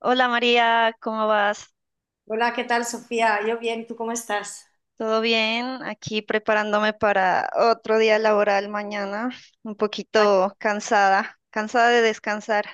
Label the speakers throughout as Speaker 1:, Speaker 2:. Speaker 1: Hola María, ¿cómo vas?
Speaker 2: Hola, ¿qué tal, Sofía? Yo bien, ¿tú cómo estás?
Speaker 1: ¿Todo bien? Aquí preparándome para otro día laboral mañana, un
Speaker 2: Ay,
Speaker 1: poquito cansada, cansada de descansar.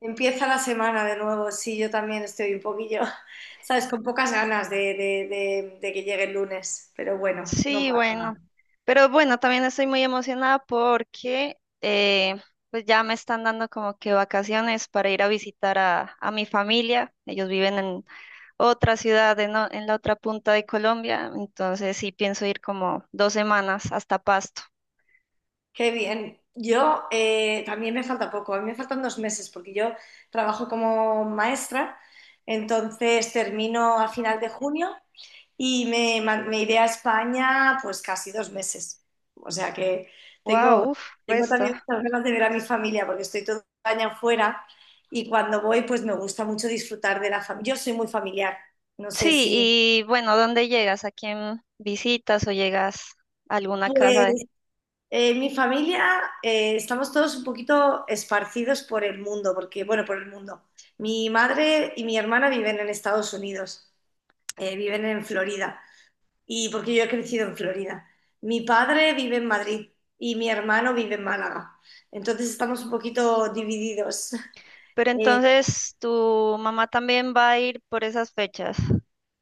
Speaker 2: empieza la semana de nuevo, sí, yo también estoy un poquillo, sabes, con pocas ganas de, de que llegue el lunes, pero bueno, no
Speaker 1: Sí,
Speaker 2: pasa nada.
Speaker 1: bueno, pero bueno, también estoy muy emocionada porque pues ya me están dando como que vacaciones para ir a visitar a mi familia. Ellos viven en otra ciudad, en la otra punta de Colombia, entonces sí pienso ir como 2 semanas hasta Pasto.
Speaker 2: Qué bien. Yo también me falta poco, a mí me faltan 2 meses porque yo trabajo como maestra, entonces termino a final de junio y me iré a España pues casi 2 meses. O sea que
Speaker 1: Wow,
Speaker 2: tengo,
Speaker 1: uf,
Speaker 2: tengo
Speaker 1: resto.
Speaker 2: también muchas ganas de ver a mi familia porque estoy toda España fuera y cuando voy pues me gusta mucho disfrutar de la familia. Yo soy muy familiar, no sé
Speaker 1: Sí,
Speaker 2: si...
Speaker 1: y bueno, ¿dónde llegas? ¿A quién visitas o llegas a alguna casa?
Speaker 2: Pues mi familia, estamos todos un poquito esparcidos por el mundo, porque bueno, por el mundo. Mi madre y mi hermana viven en Estados Unidos, viven en Florida, y porque yo he crecido en Florida. Mi padre vive en Madrid y mi hermano vive en Málaga. Entonces estamos un poquito divididos.
Speaker 1: Pero
Speaker 2: Eh,
Speaker 1: entonces tu mamá también va a ir por esas fechas.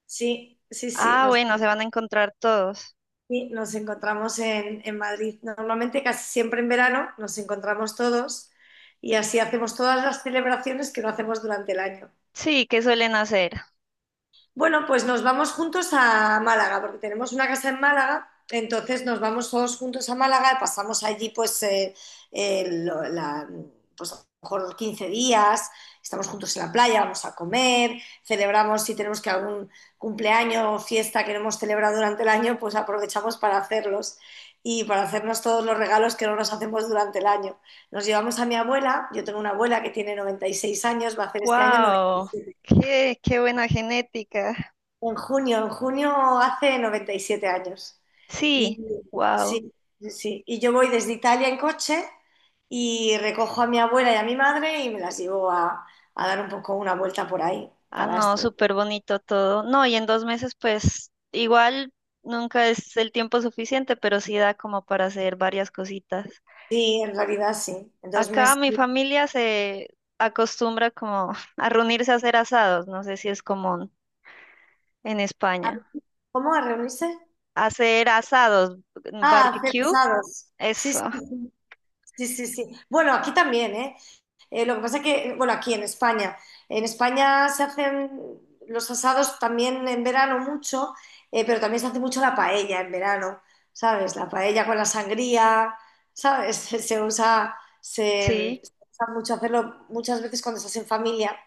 Speaker 2: sí, sí, sí,
Speaker 1: Ah, bueno, se van a encontrar todos.
Speaker 2: sí, nos encontramos en, Madrid. Normalmente casi siempre en verano nos encontramos todos y así hacemos todas las celebraciones que no hacemos durante el año.
Speaker 1: Sí, ¿qué suelen hacer?
Speaker 2: Bueno, pues nos vamos juntos a Málaga, porque tenemos una casa en Málaga, entonces nos vamos todos juntos a Málaga, pasamos allí pues, eh, lo- la- pues a lo mejor 15 días, estamos juntos en la playa, vamos a comer, celebramos si tenemos que algún cumpleaños o fiesta que no hemos celebrado durante el año, pues aprovechamos para hacerlos y para hacernos todos los regalos que no nos hacemos durante el año. Nos llevamos a mi abuela, yo tengo una abuela que tiene 96 años, va a hacer este año
Speaker 1: ¡Wow!
Speaker 2: 97.
Speaker 1: ¡Qué buena genética!
Speaker 2: En junio hace 97 años. Y
Speaker 1: Sí, wow.
Speaker 2: sí, sí, sí. Y yo voy desde Italia en coche y recojo a mi abuela y a mi madre y me las llevo a dar un poco una vuelta por ahí
Speaker 1: Ah,
Speaker 2: para
Speaker 1: no,
Speaker 2: estar.
Speaker 1: súper bonito todo. No, y en 2 meses, pues igual nunca es el tiempo suficiente, pero sí da como para hacer varias cositas.
Speaker 2: Sí, en realidad sí. En dos
Speaker 1: Acá
Speaker 2: meses.
Speaker 1: mi familia se acostumbra como a reunirse a hacer asados, no sé si es común en España.
Speaker 2: ¿Cómo a reunirse?
Speaker 1: Hacer asados,
Speaker 2: Ah, a hacer
Speaker 1: barbecue,
Speaker 2: asados. Sí, sí,
Speaker 1: eso,
Speaker 2: sí. Sí, sí, sí. Bueno, aquí también, ¿eh? Lo que pasa es que, bueno, aquí en España se hacen los asados también en verano mucho, pero también se hace mucho la paella en verano, ¿sabes? La paella con la sangría, ¿sabes? Se, se usa, se,
Speaker 1: sí.
Speaker 2: se usa mucho hacerlo muchas veces cuando estás en familia,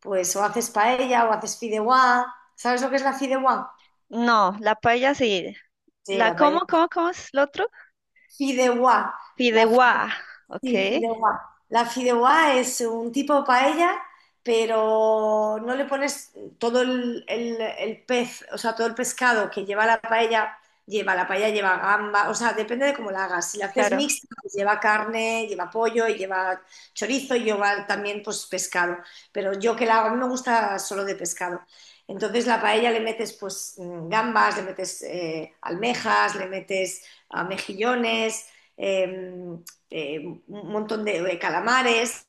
Speaker 2: pues o haces paella o haces fideuá, ¿sabes lo que es la fideuá?
Speaker 1: No, la paella sí.
Speaker 2: Sí, la paella.
Speaker 1: ¿Cómo es lo otro?
Speaker 2: Fideuá. La
Speaker 1: Fideuá, ok,
Speaker 2: Sí, fideuá. La fideuá es un tipo de paella, pero no le pones todo el pez, o sea, todo el pescado que lleva la paella, lleva gamba, o sea, depende de cómo la hagas. Si la haces
Speaker 1: claro,
Speaker 2: mixta, pues lleva carne, lleva pollo, y lleva chorizo y lleva también pues pescado. Pero yo que la hago, a mí me gusta solo de pescado. Entonces la paella le metes pues gambas, le metes almejas, le metes mejillones, em, eh, un montón de, calamares.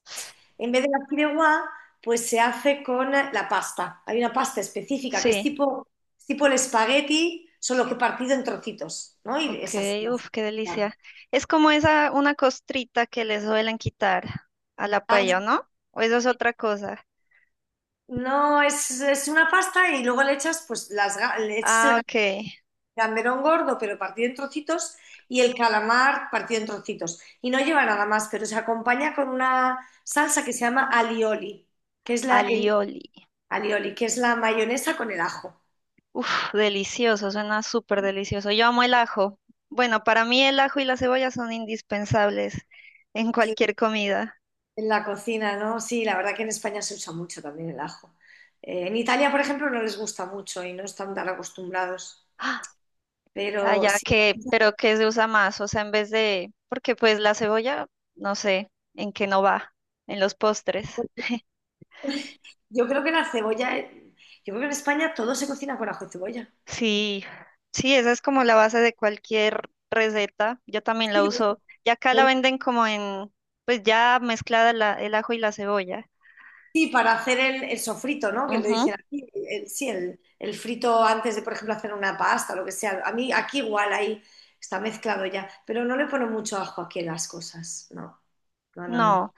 Speaker 2: En vez de la fideuá, pues se hace con la pasta. Hay una pasta específica que es
Speaker 1: sí,
Speaker 2: tipo, el espagueti, solo que partido en trocitos, ¿no? Y
Speaker 1: ok,
Speaker 2: es así.
Speaker 1: uf, qué delicia. Es como esa, una costrita que les suelen quitar a la
Speaker 2: Ah,
Speaker 1: paella, ¿no? ¿O eso es otra cosa?
Speaker 2: no, es una pasta y luego le echas, pues, le echas
Speaker 1: Ah,
Speaker 2: el
Speaker 1: ok,
Speaker 2: gamberón gordo, pero partido en trocitos, y el calamar partido en trocitos. Y no lleva nada más, pero se acompaña con una salsa que se llama alioli, que es la,
Speaker 1: alioli.
Speaker 2: Alioli, que es la mayonesa con el ajo.
Speaker 1: Uf, delicioso, suena súper delicioso. Yo amo el ajo. Bueno, para mí el ajo y la cebolla son indispensables en
Speaker 2: Sí,
Speaker 1: cualquier comida.
Speaker 2: en la cocina, ¿no? Sí, la verdad que en España se usa mucho también el ajo. En Italia, por ejemplo, no les gusta mucho y no están tan acostumbrados.
Speaker 1: ¡Ah!
Speaker 2: Pero
Speaker 1: Allá
Speaker 2: sí,
Speaker 1: que, pero que se usa más, o sea, en vez de, porque pues la cebolla, no sé, en qué no va, en los postres.
Speaker 2: yo creo que la cebolla, yo creo que en España todo se cocina con ajo y cebolla.
Speaker 1: Sí, sí, esa es como la base de cualquier receta. Yo también la
Speaker 2: Sí,
Speaker 1: uso. Y acá la
Speaker 2: de-
Speaker 1: venden como en, pues ya mezclada el ajo y la cebolla.
Speaker 2: sí, para hacer el, sofrito, ¿no? Que le
Speaker 1: Ujú.
Speaker 2: dicen aquí, sí, el frito antes de, por ejemplo, hacer una pasta, lo que sea. A mí aquí igual ahí está mezclado ya, pero no le ponen mucho ajo aquí a las cosas, no, no, no, no.
Speaker 1: No.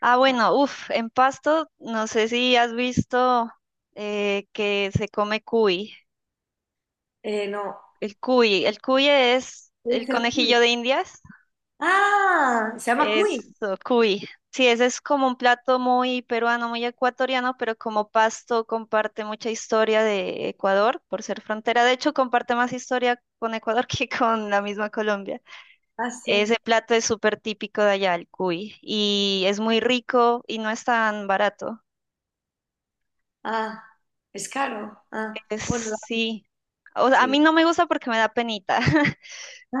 Speaker 1: Ah,
Speaker 2: no.
Speaker 1: bueno, uff, en Pasto, no sé si has visto que se come cuy.
Speaker 2: No,
Speaker 1: El cuy es el
Speaker 2: es el cuy.
Speaker 1: conejillo de Indias.
Speaker 2: Ah, se llama cuy.
Speaker 1: Eso, cuy. Sí, ese es como un plato muy peruano, muy ecuatoriano, pero como Pasto comparte mucha historia de Ecuador por ser frontera. De hecho, comparte más historia con Ecuador que con la misma Colombia.
Speaker 2: Ah, sí.
Speaker 1: Ese plato es súper típico de allá, el cuy, y es muy rico y no es tan barato.
Speaker 2: Ah, es caro. Ah,
Speaker 1: Pues
Speaker 2: bueno,
Speaker 1: sí. O sea, a mí
Speaker 2: sí.
Speaker 1: no me gusta porque me da penita,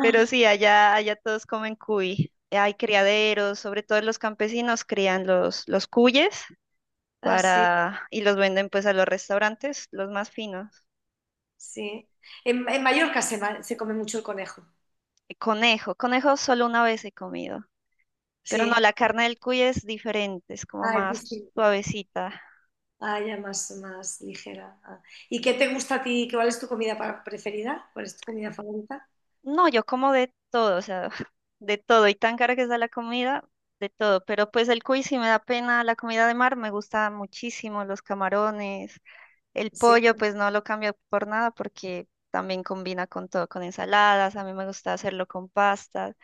Speaker 1: pero sí, allá todos comen cuy. Hay criaderos, sobre todo los campesinos crían los cuyes
Speaker 2: ah, sí,
Speaker 1: para, y los venden pues a los restaurantes, los más finos.
Speaker 2: sí. En, Mallorca se come mucho el conejo.
Speaker 1: Y conejo solo una vez he comido, pero no,
Speaker 2: Sí.
Speaker 1: la carne del cuy es diferente, es como
Speaker 2: Ah, es
Speaker 1: más
Speaker 2: distinto.
Speaker 1: suavecita.
Speaker 2: Ah, ya más, más ligera. Ah. ¿Y qué te gusta a ti? ¿Cuál es tu comida preferida? ¿Cuál es tu comida favorita?
Speaker 1: No, yo como de todo, o sea, de todo, y tan cara que está la comida, de todo, pero pues el cuy sí me da pena, la comida de mar me gusta muchísimo, los camarones, el
Speaker 2: Sí,
Speaker 1: pollo pues no lo cambio por nada porque también combina con todo, con ensaladas, a mí me gusta hacerlo con pastas,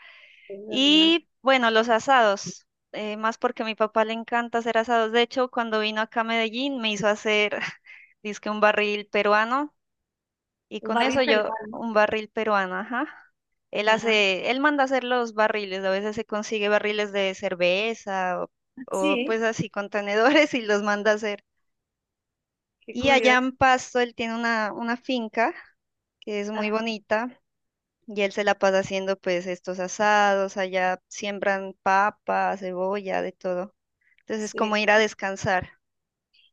Speaker 2: es verdad.
Speaker 1: y bueno, los asados, más porque a mi papá le encanta hacer asados, de hecho cuando vino acá a Medellín me hizo hacer, dizque un barril peruano y
Speaker 2: Un
Speaker 1: con eso
Speaker 2: barril
Speaker 1: yo,
Speaker 2: peruano.
Speaker 1: un barril peruano, ajá.
Speaker 2: Ajá.
Speaker 1: Él manda hacer los barriles, a veces se consigue barriles de cerveza o, pues
Speaker 2: Sí,
Speaker 1: así contenedores y los manda hacer.
Speaker 2: qué
Speaker 1: Y allá
Speaker 2: curioso.
Speaker 1: en Pasto él tiene una finca que es muy
Speaker 2: Ajá,
Speaker 1: bonita y él se la pasa haciendo pues estos asados, allá siembran papa, cebolla, de todo. Entonces es
Speaker 2: sí.
Speaker 1: como ir a descansar.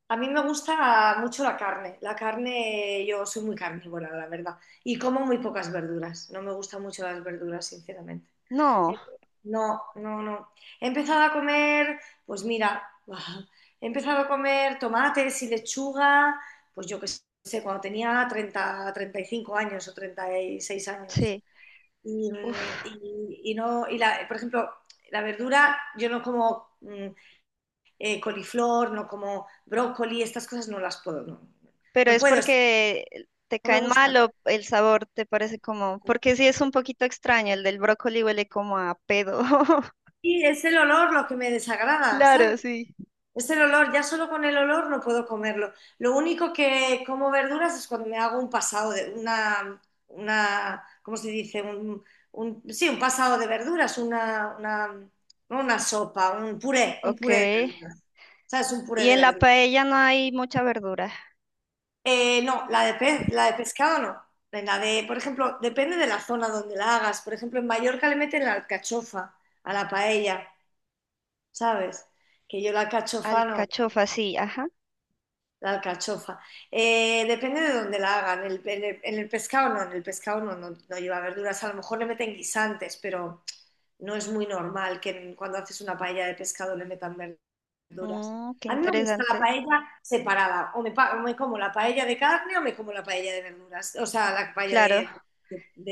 Speaker 2: A mí me gusta mucho la carne. La carne, yo soy muy carnívora, la verdad. Y como muy pocas verduras. No me gustan mucho las verduras, sinceramente.
Speaker 1: No,
Speaker 2: No, no, no. He empezado a comer, pues mira, he empezado a comer tomates y lechuga, pues yo qué sé, cuando tenía 30, 35 años o 36 años.
Speaker 1: sí.
Speaker 2: Y,
Speaker 1: Uf.
Speaker 2: mm, y- y no, por ejemplo, la verdura, yo no como coliflor, no como brócoli, estas cosas no las puedo, no,
Speaker 1: Pero
Speaker 2: no
Speaker 1: es
Speaker 2: puedo,
Speaker 1: porque te
Speaker 2: no me
Speaker 1: caen mal
Speaker 2: gustan.
Speaker 1: o el sabor te parece como, porque sí es un poquito extraño, el del brócoli huele como a pedo.
Speaker 2: Y es el olor lo que me desagrada, ¿sabes?
Speaker 1: Claro, sí.
Speaker 2: Es el olor, ya solo con el olor no puedo comerlo. Lo único que como verduras es cuando me hago un pasado de una, ¿cómo se dice? Sí, un pasado de verduras, no una sopa, un
Speaker 1: Ok.
Speaker 2: puré de verduras. ¿Sabes? Un puré
Speaker 1: Y
Speaker 2: de
Speaker 1: en la
Speaker 2: verduras.
Speaker 1: paella no hay mucha verdura.
Speaker 2: No, la de pez, la de pescado no. La de, por ejemplo, depende de la zona donde la hagas. Por ejemplo, en Mallorca le meten la alcachofa a la paella, ¿sabes? Que yo la alcachofa no,
Speaker 1: Alcachofa, sí, ajá.
Speaker 2: la alcachofa. Depende de donde la hagan. En el pescado no, en el pescado no, no, no lleva verduras. A lo mejor le meten guisantes, pero no es muy normal que cuando haces una paella de pescado le metan verduras.
Speaker 1: Qué
Speaker 2: A mí me gusta la
Speaker 1: interesante.
Speaker 2: paella separada, o o me como la paella de carne o me como la paella de verduras, o sea, la paella
Speaker 1: Claro.
Speaker 2: de,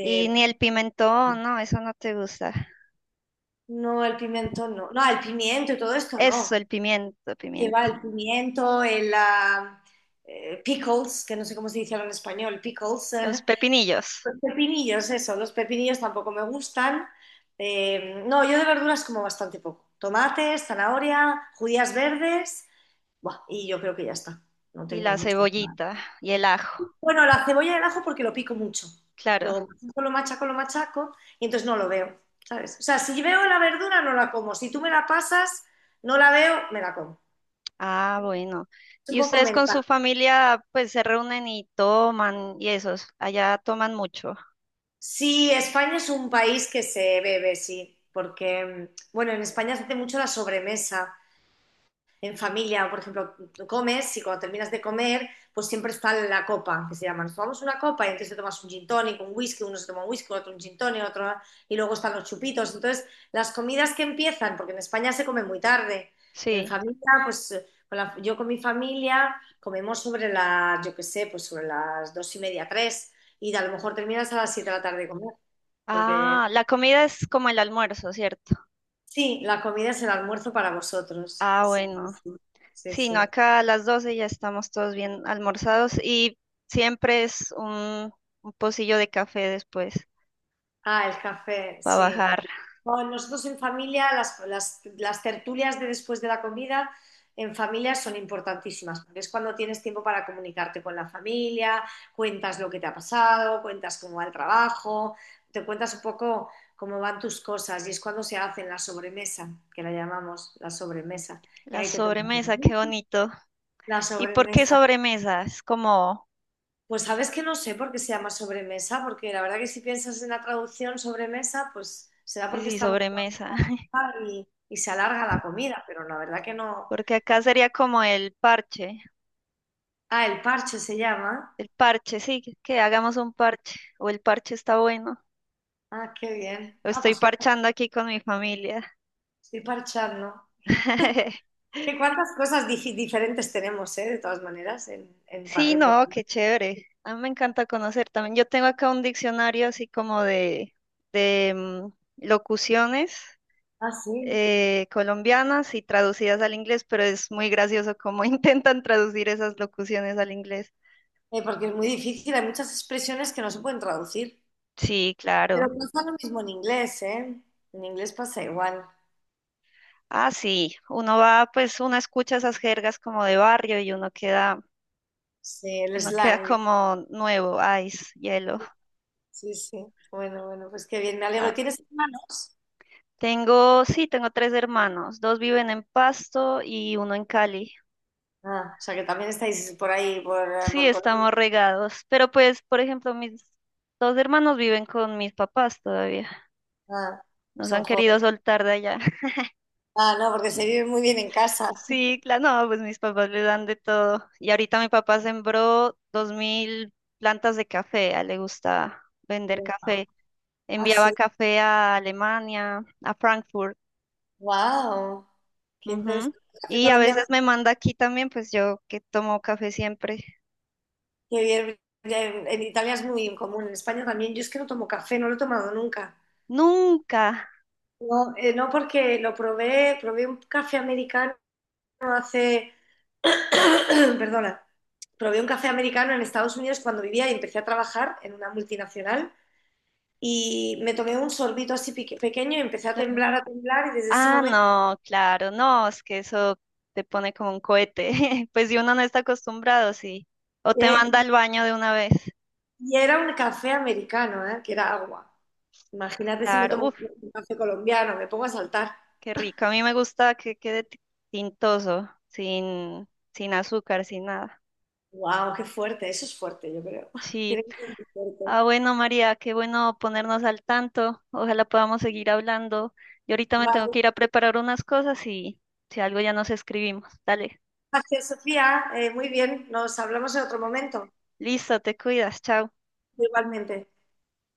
Speaker 1: Y ni el pimentón, no, eso no te gusta.
Speaker 2: No, el pimiento no, no, el pimiento y todo esto
Speaker 1: Eso,
Speaker 2: no.
Speaker 1: el pimiento,
Speaker 2: Lleva
Speaker 1: pimiento.
Speaker 2: el pimiento, el pickles, que no sé cómo se dice ahora en español, pickles,
Speaker 1: Los pepinillos
Speaker 2: Los pepinillos, eso, los pepinillos tampoco me gustan. No, yo de verduras como bastante poco. Tomates, zanahoria, judías verdes, buah, y yo creo que ya está. No
Speaker 1: y
Speaker 2: tengo
Speaker 1: la
Speaker 2: muchas más.
Speaker 1: cebollita y el ajo,
Speaker 2: Bueno, la cebolla y el ajo porque lo pico mucho.
Speaker 1: claro.
Speaker 2: Lo machaco, lo machaco, lo machaco, y entonces no lo veo, ¿sabes? O sea, si veo la verdura, no la como. Si tú me la pasas, no la veo, me la como.
Speaker 1: Ah, bueno.
Speaker 2: Es un
Speaker 1: ¿Y
Speaker 2: poco
Speaker 1: ustedes con
Speaker 2: mental.
Speaker 1: su familia pues se reúnen y toman y esos? Allá toman mucho.
Speaker 2: Sí, España es un país que se bebe, sí, porque, bueno, en España se hace mucho la sobremesa, en familia, por ejemplo, comes y cuando terminas de comer, pues siempre está la copa, que se llama, nos tomamos una copa y entonces te tomas un gin tonic, un whisky, uno se toma un whisky, otro un gin tonic, otro, y luego están los chupitos. Entonces, las comidas que empiezan, porque en España se come muy tarde, en
Speaker 1: Sí.
Speaker 2: familia, pues yo con mi familia comemos sobre las, yo qué sé, pues sobre las 2:30, tres, y a lo mejor terminas a las 7 de la tarde de comer, porque
Speaker 1: Ah, la comida es como el almuerzo, ¿cierto?
Speaker 2: sí, la comida es el almuerzo para vosotros.
Speaker 1: Ah,
Speaker 2: Sí, sí,
Speaker 1: bueno.
Speaker 2: sí, sí,
Speaker 1: Sí, no,
Speaker 2: sí.
Speaker 1: acá a las 12 ya estamos todos bien almorzados y siempre es un pocillo de café después
Speaker 2: Ah, el café,
Speaker 1: para
Speaker 2: sí.
Speaker 1: bajar
Speaker 2: Bueno, nosotros en familia, las, las tertulias de después de la comida en familia son importantísimas, porque es cuando tienes tiempo para comunicarte con la familia, cuentas lo que te ha pasado, cuentas cómo va el trabajo, te cuentas un poco cómo van tus cosas y es cuando se hacen la sobremesa, que la llamamos la sobremesa. Y
Speaker 1: la
Speaker 2: ahí te tomas
Speaker 1: sobremesa, qué bonito.
Speaker 2: la
Speaker 1: ¿Y por qué
Speaker 2: sobremesa.
Speaker 1: sobremesa? Es como,
Speaker 2: Pues sabes que no sé por qué se llama sobremesa, porque la verdad que si piensas en la traducción sobremesa, pues será
Speaker 1: pues
Speaker 2: porque
Speaker 1: sí,
Speaker 2: estamos todos en
Speaker 1: sobremesa.
Speaker 2: la mesa y se alarga la comida, pero la verdad que no.
Speaker 1: Porque acá sería como el parche.
Speaker 2: Ah, el parche se llama.
Speaker 1: El parche, sí, que hagamos un parche. O el parche está bueno.
Speaker 2: Ah, qué bien.
Speaker 1: Lo
Speaker 2: Ah,
Speaker 1: estoy
Speaker 2: pues
Speaker 1: parchando aquí con mi familia.
Speaker 2: estoy parchando. ¿Qué cuántas cosas diferentes tenemos, de todas maneras, en, en
Speaker 1: Sí,
Speaker 2: época?
Speaker 1: no, qué chévere. A mí me encanta conocer también. Yo tengo acá un diccionario así como de locuciones
Speaker 2: Ah, sí.
Speaker 1: colombianas y traducidas al inglés, pero es muy gracioso cómo intentan traducir esas locuciones al inglés.
Speaker 2: Porque es muy difícil, hay muchas expresiones que no se pueden traducir.
Speaker 1: Sí,
Speaker 2: Pero
Speaker 1: claro.
Speaker 2: pasa lo mismo en inglés, ¿eh? En inglés pasa igual.
Speaker 1: Ah, sí. Uno va, pues uno escucha esas jergas como de barrio y uno queda
Speaker 2: Sí, el
Speaker 1: Uno queda
Speaker 2: slang.
Speaker 1: como nuevo, ice, hielo.
Speaker 2: Sí, sí. Bueno, bueno, pues qué bien, me alegro.
Speaker 1: Ah,
Speaker 2: ¿Tienes hermanos?
Speaker 1: tengo, sí, tengo tres hermanos. Dos viven en Pasto y uno en Cali.
Speaker 2: Ah, o sea que también estáis por ahí,
Speaker 1: Sí,
Speaker 2: por
Speaker 1: estamos
Speaker 2: Colombia.
Speaker 1: regados. Pero pues, por ejemplo, mis dos hermanos viven con mis papás todavía.
Speaker 2: Ah,
Speaker 1: Nos
Speaker 2: son
Speaker 1: han querido
Speaker 2: jóvenes.
Speaker 1: soltar de allá.
Speaker 2: Ah, no, porque se vive muy bien en casa.
Speaker 1: Sí, claro, no, pues mis papás le dan de todo. Y ahorita mi papá sembró 2.000 plantas de café. A él le gusta vender café.
Speaker 2: Ah, sí.
Speaker 1: Enviaba café a Alemania, a Frankfurt.
Speaker 2: Wow. Qué
Speaker 1: Ujú.
Speaker 2: interesante. El café
Speaker 1: Y a veces
Speaker 2: colombiano,
Speaker 1: me manda aquí también, pues yo que tomo café siempre.
Speaker 2: qué bien. Ya. En Italia es muy común, en España también. Yo es que no tomo café, no lo he tomado nunca.
Speaker 1: Nunca.
Speaker 2: No, no porque probé un café americano hace, perdona, probé un café americano en Estados Unidos cuando vivía y empecé a trabajar en una multinacional, y me tomé un sorbito así pequeño y empecé
Speaker 1: Claro.
Speaker 2: a temblar, y desde ese
Speaker 1: Ah,
Speaker 2: momento,
Speaker 1: no, claro, no, es que eso te pone como un cohete. Pues si uno no está acostumbrado, sí. O te
Speaker 2: eh,
Speaker 1: manda al baño de una vez.
Speaker 2: y era un café americano, ¿eh? Que era agua. Imagínate si me
Speaker 1: Claro,
Speaker 2: tomo
Speaker 1: uff,
Speaker 2: un café colombiano, me pongo a saltar.
Speaker 1: qué rico. A mí me gusta que quede tintoso, sin azúcar, sin nada.
Speaker 2: ¡Wow! ¡Qué fuerte! Eso es fuerte, yo creo.
Speaker 1: Sí.
Speaker 2: Tiene que ser muy fuerte.
Speaker 1: Ah, bueno, María, qué bueno ponernos al tanto. Ojalá podamos seguir hablando. Yo ahorita me tengo
Speaker 2: Vale,
Speaker 1: que ir a preparar unas cosas y si algo ya nos escribimos. Dale,
Speaker 2: gracias, Sofía. Muy bien, nos hablamos en otro momento.
Speaker 1: listo, te cuidas, chao.
Speaker 2: Igualmente.